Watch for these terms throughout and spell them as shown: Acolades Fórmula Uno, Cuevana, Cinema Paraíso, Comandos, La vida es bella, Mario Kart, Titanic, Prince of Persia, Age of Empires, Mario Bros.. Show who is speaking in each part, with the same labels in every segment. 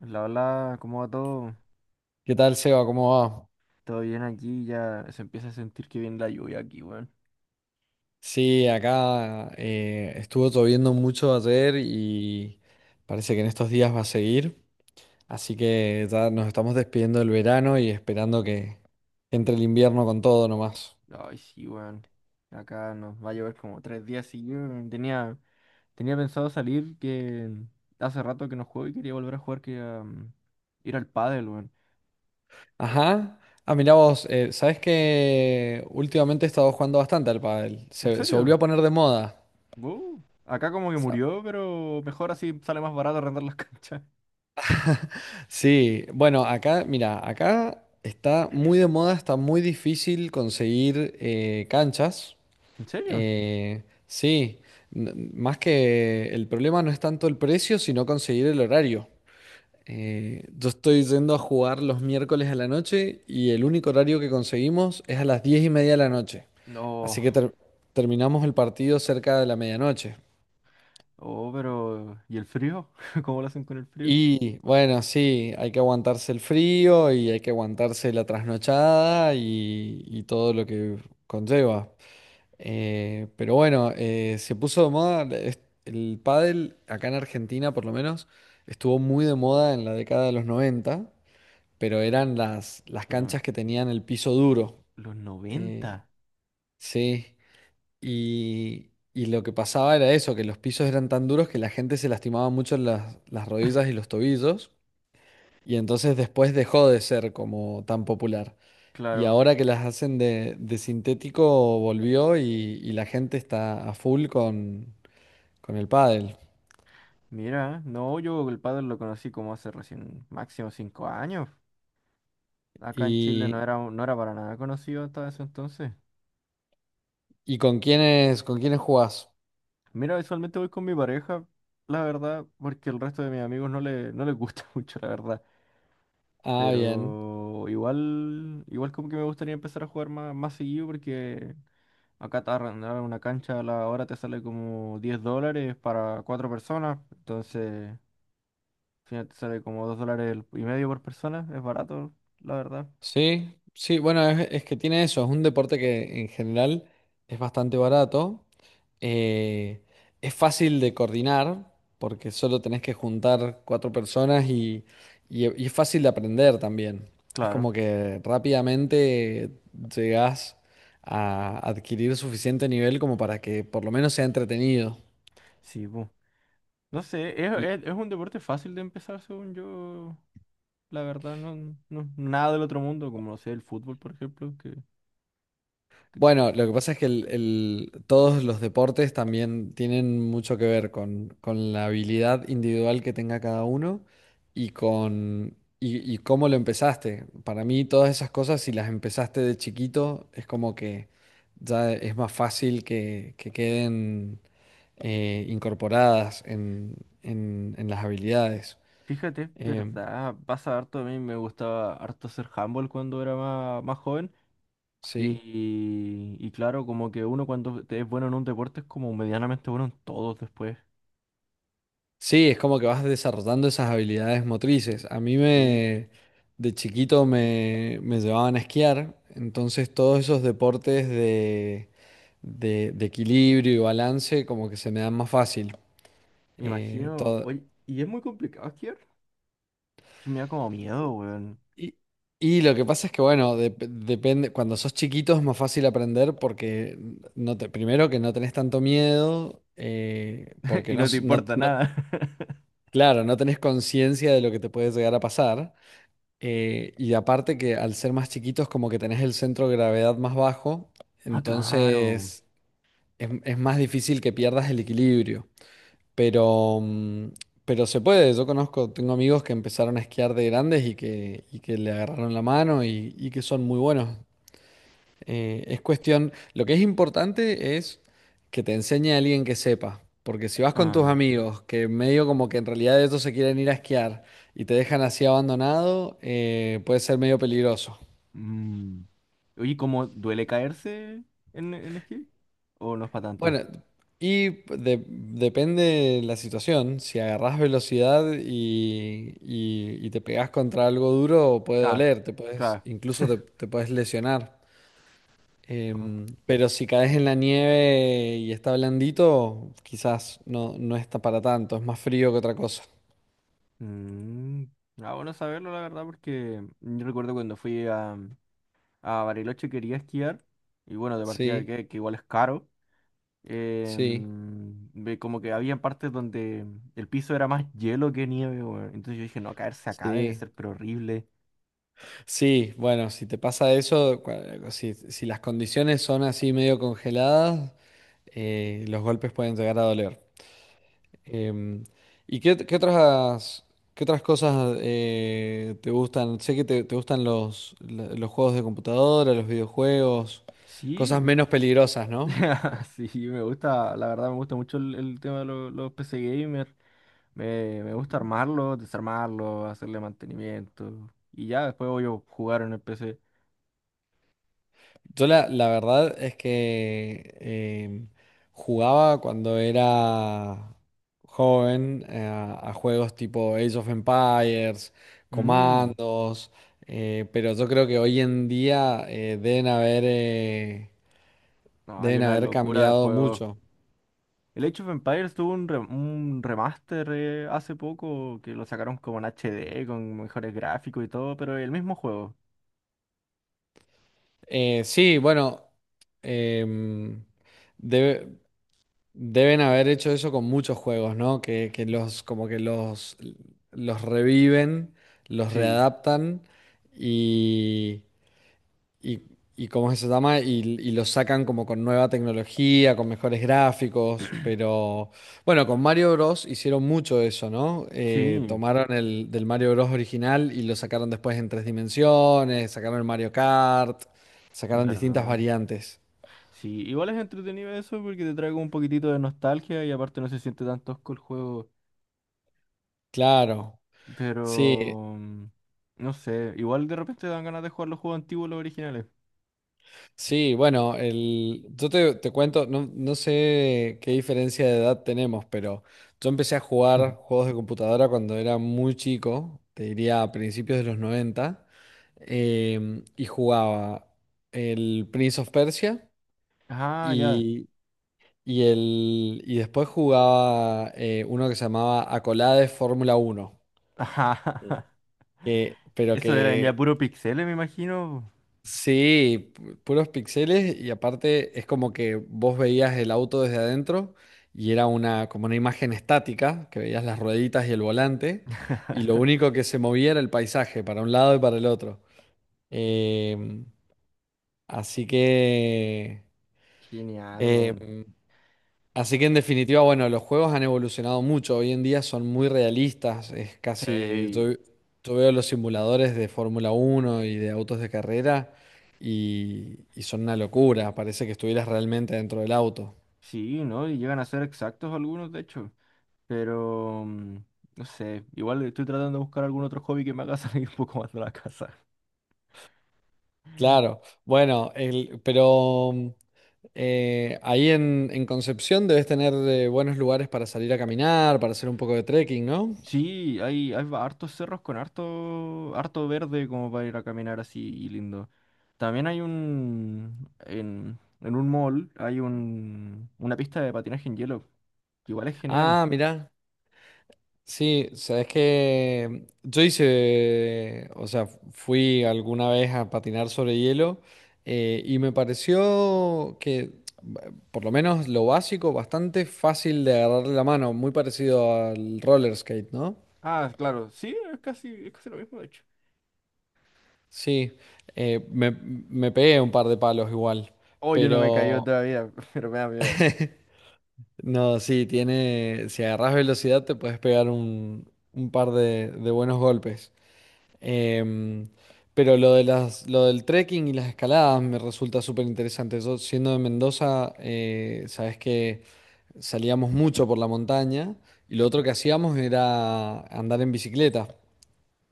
Speaker 1: La hola, ¿cómo va todo?
Speaker 2: ¿Qué tal, Seba? ¿Cómo va?
Speaker 1: Todo bien aquí, ya se empieza a sentir que viene la lluvia aquí, weón.
Speaker 2: Sí, acá estuvo lloviendo mucho ayer y parece que en estos días va a seguir. Así que ya nos estamos despidiendo del verano y esperando que entre el invierno con todo nomás.
Speaker 1: Ay, sí, weón. Acá nos va a llover como tres días seguidos. Weón. Tenía pensado salir que hace rato que no juego y quería volver a jugar, ir al pádel, weón.
Speaker 2: Ajá. Ah, mirá vos, ¿sabés que últimamente he estado jugando bastante al pádel?
Speaker 1: ¿En
Speaker 2: Se volvió
Speaker 1: serio?
Speaker 2: a poner de moda.
Speaker 1: Wow. Acá como que murió, pero mejor así sale más barato arrendar las canchas.
Speaker 2: Sí, bueno, acá, mira, acá está muy de moda, está muy difícil conseguir canchas.
Speaker 1: ¿En serio?
Speaker 2: Sí, más que el problema no es tanto el precio, sino conseguir el horario. Yo estoy yendo a jugar los miércoles a la noche y el único horario que conseguimos es a las diez y media de la noche.
Speaker 1: No.
Speaker 2: Así que terminamos el partido cerca de la medianoche.
Speaker 1: Oh, pero ¿y el frío? ¿Cómo lo hacen con el frío?
Speaker 2: Y bueno, sí, hay que aguantarse el frío y hay que aguantarse la trasnochada y todo lo que conlleva. Pero bueno, se puso de moda, el pádel acá en Argentina por lo menos estuvo muy de moda en la década de los 90 pero eran las
Speaker 1: De
Speaker 2: canchas que tenían el piso duro.
Speaker 1: los
Speaker 2: Eh,
Speaker 1: 90.
Speaker 2: sí, y lo que pasaba era eso, que los pisos eran tan duros que la gente se lastimaba mucho las rodillas y los tobillos, y entonces después dejó de ser como tan popular. Y
Speaker 1: Claro.
Speaker 2: ahora que las hacen de sintético, volvió y la gente está a full con el pádel.
Speaker 1: Mira, no, yo el pádel lo conocí como hace recién máximo cinco años. Acá en Chile
Speaker 2: ¿Y,
Speaker 1: no era para nada conocido hasta ese entonces.
Speaker 2: y con quiénes jugás?
Speaker 1: Mira, usualmente voy con mi pareja, la verdad, porque el resto de mis amigos no les gusta mucho, la verdad.
Speaker 2: Ah, bien.
Speaker 1: Pero igual como que me gustaría empezar a jugar más seguido porque acá te arrendar una cancha a la hora te sale como 10 dólares para cuatro personas. Entonces, al final te sale como 2 dólares y medio por persona. Es barato, la verdad.
Speaker 2: Sí, sí, bueno, es que tiene eso, es un deporte que en general es bastante barato. Eh, es fácil de coordinar porque solo tenés que juntar cuatro personas y es fácil de aprender también. Es
Speaker 1: Claro.
Speaker 2: como que rápidamente llegás a adquirir suficiente nivel como para que por lo menos sea entretenido.
Speaker 1: Sí, bu. No sé, es un deporte fácil de empezar, según yo. La verdad, no, no, nada del otro mundo, como no sé, el fútbol, por ejemplo, que-
Speaker 2: Bueno, lo que pasa es que todos los deportes también tienen mucho que ver con la habilidad individual que tenga cada uno y con y cómo lo empezaste. Para mí, todas esas cosas, si las empezaste de chiquito, es como que ya es más fácil que queden incorporadas en las habilidades.
Speaker 1: fíjate, es
Speaker 2: Em,
Speaker 1: verdad, pasa harto, a mí me gustaba harto hacer handball cuando era más joven
Speaker 2: sí.
Speaker 1: y claro, como que es bueno en un deporte es como medianamente bueno en todos después.
Speaker 2: Sí, es como que vas desarrollando esas habilidades motrices. A mí
Speaker 1: Sí,
Speaker 2: me, de chiquito me, me llevaban a esquiar, entonces todos esos deportes de equilibrio y balance como que se me dan más fácil.
Speaker 1: me imagino,
Speaker 2: Todo.
Speaker 1: oye, y es muy complicado esquiar, que me da como miedo, weón,
Speaker 2: Y, y lo que pasa es que, bueno, depende, cuando sos chiquito es más fácil aprender porque no te, primero que no tenés tanto miedo, porque
Speaker 1: y
Speaker 2: no,
Speaker 1: no te
Speaker 2: no,
Speaker 1: importa nada.
Speaker 2: claro, no tenés conciencia de lo que te puede llegar a pasar. Y aparte que al ser más chiquitos como que tenés el centro de gravedad más bajo,
Speaker 1: Ah, claro.
Speaker 2: entonces es más difícil que pierdas el equilibrio. Pero, pero se puede, yo conozco, tengo amigos que empezaron a esquiar de grandes y que le agarraron la mano y que son muy buenos. Es cuestión, lo que es importante es que te enseñe a alguien que sepa, porque si vas con tus amigos, que medio como que en realidad ellos se quieren ir a esquiar y te dejan así abandonado, puede ser medio peligroso.
Speaker 1: Mm. Oye, ¿cómo duele caerse en esquí? ¿O no es para tanto?
Speaker 2: Bueno, y depende de la situación, si agarrás velocidad y te pegás contra algo duro, puede
Speaker 1: Ah,
Speaker 2: doler, te puedes,
Speaker 1: claro.
Speaker 2: incluso te, te puedes lesionar.
Speaker 1: Oh.
Speaker 2: Pero si caes en la nieve y está blandito, quizás no, no está para tanto, es más frío que otra cosa.
Speaker 1: Mm, ah, bueno saberlo, la verdad, porque yo recuerdo cuando fui a Bariloche, quería esquiar, y bueno, de partida
Speaker 2: Sí,
Speaker 1: que igual es caro,
Speaker 2: sí,
Speaker 1: em, ve como que había partes donde el piso era más hielo que nieve, weón. Entonces yo dije, no, caerse acá debe
Speaker 2: sí.
Speaker 1: ser pero horrible.
Speaker 2: Sí, bueno, si te pasa eso, si, si las condiciones son así medio congeladas, los golpes pueden llegar a doler. Em, ¿Y qué, qué otras cosas te gustan? Sé que te gustan los, los juegos de computadora, los videojuegos,
Speaker 1: Sí,
Speaker 2: cosas
Speaker 1: m-
Speaker 2: menos peligrosas, ¿no?
Speaker 1: sí, me gusta, la verdad me gusta mucho el tema de los PC Gamer. Me gusta armarlo, desarmarlo, hacerle mantenimiento. Y ya después voy a jugar en el PC.
Speaker 2: Yo la, la verdad es que jugaba cuando era joven a juegos tipo Age of Empires,
Speaker 1: Mm,
Speaker 2: Comandos, pero yo creo que hoy en día
Speaker 1: no, hay
Speaker 2: deben
Speaker 1: una
Speaker 2: haber
Speaker 1: locura de
Speaker 2: cambiado
Speaker 1: juegos.
Speaker 2: mucho.
Speaker 1: El Age of Empires tuvo un remaster hace poco que lo sacaron como en HD, con mejores gráficos y todo, pero el mismo juego.
Speaker 2: Sí, bueno, em, debe- deben haber hecho eso con muchos juegos, ¿no? Que
Speaker 1: Es-
Speaker 2: los como que los reviven, los
Speaker 1: sí,
Speaker 2: readaptan y, y, y ¿cómo se llama? Y los sacan como con nueva tecnología, con mejores gráficos, pero bueno, con Mario Bros. Hicieron mucho eso, ¿no?
Speaker 1: sí,
Speaker 2: Tomaron el del Mario Bros. Original y lo sacaron después en tres dimensiones, sacaron el Mario Kart, sacaron distintas
Speaker 1: verdad.
Speaker 2: variantes.
Speaker 1: Sí, igual es entretenido eso porque te trae como un poquitito de nostalgia y aparte no se siente tan tosco el juego.
Speaker 2: Claro. Sí,
Speaker 1: Pero mm, no sé, igual de repente dan ganas de jugar los juegos antiguos, los originales.
Speaker 2: sí, bueno, el, yo te, te cuento, no, no sé qué diferencia de edad tenemos, pero yo empecé a jugar juegos de computadora cuando era muy chico, te diría a principios de los 90, y jugaba el Prince of Persia
Speaker 1: Ah, ya.
Speaker 2: y, y después jugaba uno que se llamaba Acolades Fórmula Uno,
Speaker 1: Ajá.
Speaker 2: que, pero
Speaker 1: Eso eran ya
Speaker 2: que
Speaker 1: puro pixeles, me imagino.
Speaker 2: sí, puros píxeles y aparte es como que vos veías el auto desde adentro y era una como una imagen estática, que veías las rueditas y el volante y lo único que se movía era el paisaje para un lado y para el otro. Em, así que
Speaker 1: Genial,
Speaker 2: eh,
Speaker 1: weón.
Speaker 2: así que en definitiva, bueno, los juegos han evolucionado mucho. Hoy en día son muy realistas. Es casi,
Speaker 1: Sí.
Speaker 2: yo veo los simuladores de Fórmula Uno y de autos de carrera y son una locura. Parece que estuvieras realmente dentro del auto.
Speaker 1: Sí, ¿no? Y llegan a ser exactos algunos, de hecho. Pero, mm, no sé, igual estoy tratando de buscar algún otro hobby que me haga salir un poco más de la casa.
Speaker 2: Claro, bueno, pero ahí en Concepción debes tener buenos lugares para salir a caminar, para hacer un poco de trekking, ¿no?
Speaker 1: Sí, hay, hartos cerros con harto verde como para ir a caminar así y lindo. También hay un, en un mall hay un, una pista de patinaje en hielo, que igual es genial.
Speaker 2: Ah, mirá. Sí, sabes que yo hice, o sea, fui alguna vez a patinar sobre hielo y me pareció que, por lo menos lo básico, bastante fácil de agarrarle la mano, muy parecido al roller skate, ¿no?
Speaker 1: Ah, claro, sí, es casi lo mismo, de hecho.
Speaker 2: Sí, me, me pegué un par de palos igual,
Speaker 1: Oh, yo no me caí
Speaker 2: pero
Speaker 1: otra vida, pero me da miedo.
Speaker 2: no, sí, tiene, si agarras velocidad te puedes pegar un par de buenos golpes. Em, pero lo de las, lo del trekking y las escaladas me resulta súper interesante. Yo, siendo de Mendoza, sabes que salíamos mucho por la montaña y lo otro que hacíamos era andar en bicicleta.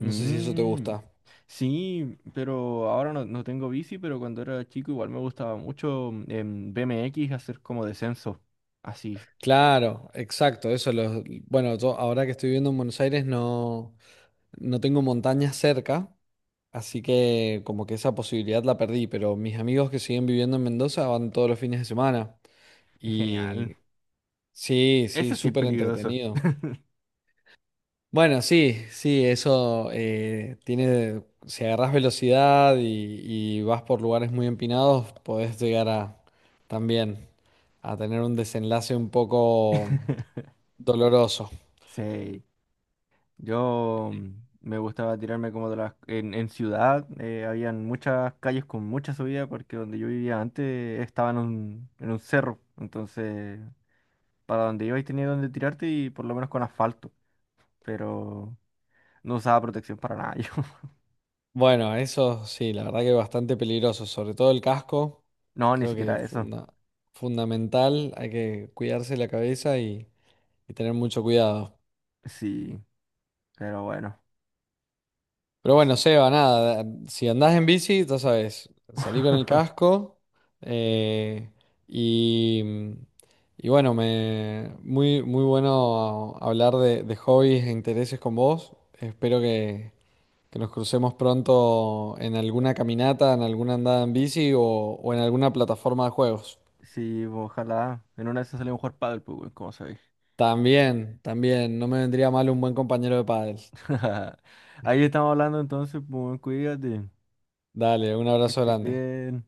Speaker 2: No sé si eso te gusta.
Speaker 1: sí, pero ahora no, no tengo bici, pero cuando era chico igual me gustaba mucho en BMX hacer como descenso. Así,
Speaker 2: Claro, exacto, eso los, bueno, yo ahora que estoy viviendo en Buenos Aires no, no tengo montañas cerca, así que como que esa posibilidad la perdí, pero mis amigos que siguen viviendo en Mendoza van todos los fines de semana.
Speaker 1: es genial.
Speaker 2: Y sí, sí,
Speaker 1: Ese sí es
Speaker 2: súper
Speaker 1: peligroso.
Speaker 2: entretenido. Bueno, sí, sí, eso tiene, si agarrás velocidad y vas por lugares muy empinados, podés llegar a también a tener un desenlace un poco doloroso.
Speaker 1: Sí, yo mm, me gustaba tirarme como de las... en ciudad habían muchas calles con mucha subida porque donde yo vivía antes estaba en un cerro, entonces para donde ibas tenía donde tirarte y por lo menos con asfalto, pero no usaba protección para nada yo.
Speaker 2: Bueno, eso sí, la verdad que es bastante peligroso, sobre todo el casco,
Speaker 1: No, ni
Speaker 2: creo que
Speaker 1: siquiera
Speaker 2: es
Speaker 1: eso.
Speaker 2: fundamental, hay que cuidarse la cabeza y tener mucho cuidado.
Speaker 1: Sí, pero bueno,
Speaker 2: Pero bueno,
Speaker 1: así.
Speaker 2: Seba, nada, si andás en bici, ya sabes, salí con el casco eh, y, y bueno, me, muy, muy bueno hablar de hobbies e intereses con vos. Espero que nos crucemos pronto en alguna caminata, en alguna andada en bici o en alguna plataforma de juegos.
Speaker 1: Sí, pues, ojalá. En una de esas salimos a jugar pádel, pues, weón, como sabéis.
Speaker 2: También, también, no me vendría mal un buen compañero de pádel.
Speaker 1: Ahí estamos hablando entonces, pues, weón, cuídate.
Speaker 2: Dale, un
Speaker 1: Que
Speaker 2: abrazo
Speaker 1: estés
Speaker 2: grande.
Speaker 1: bien.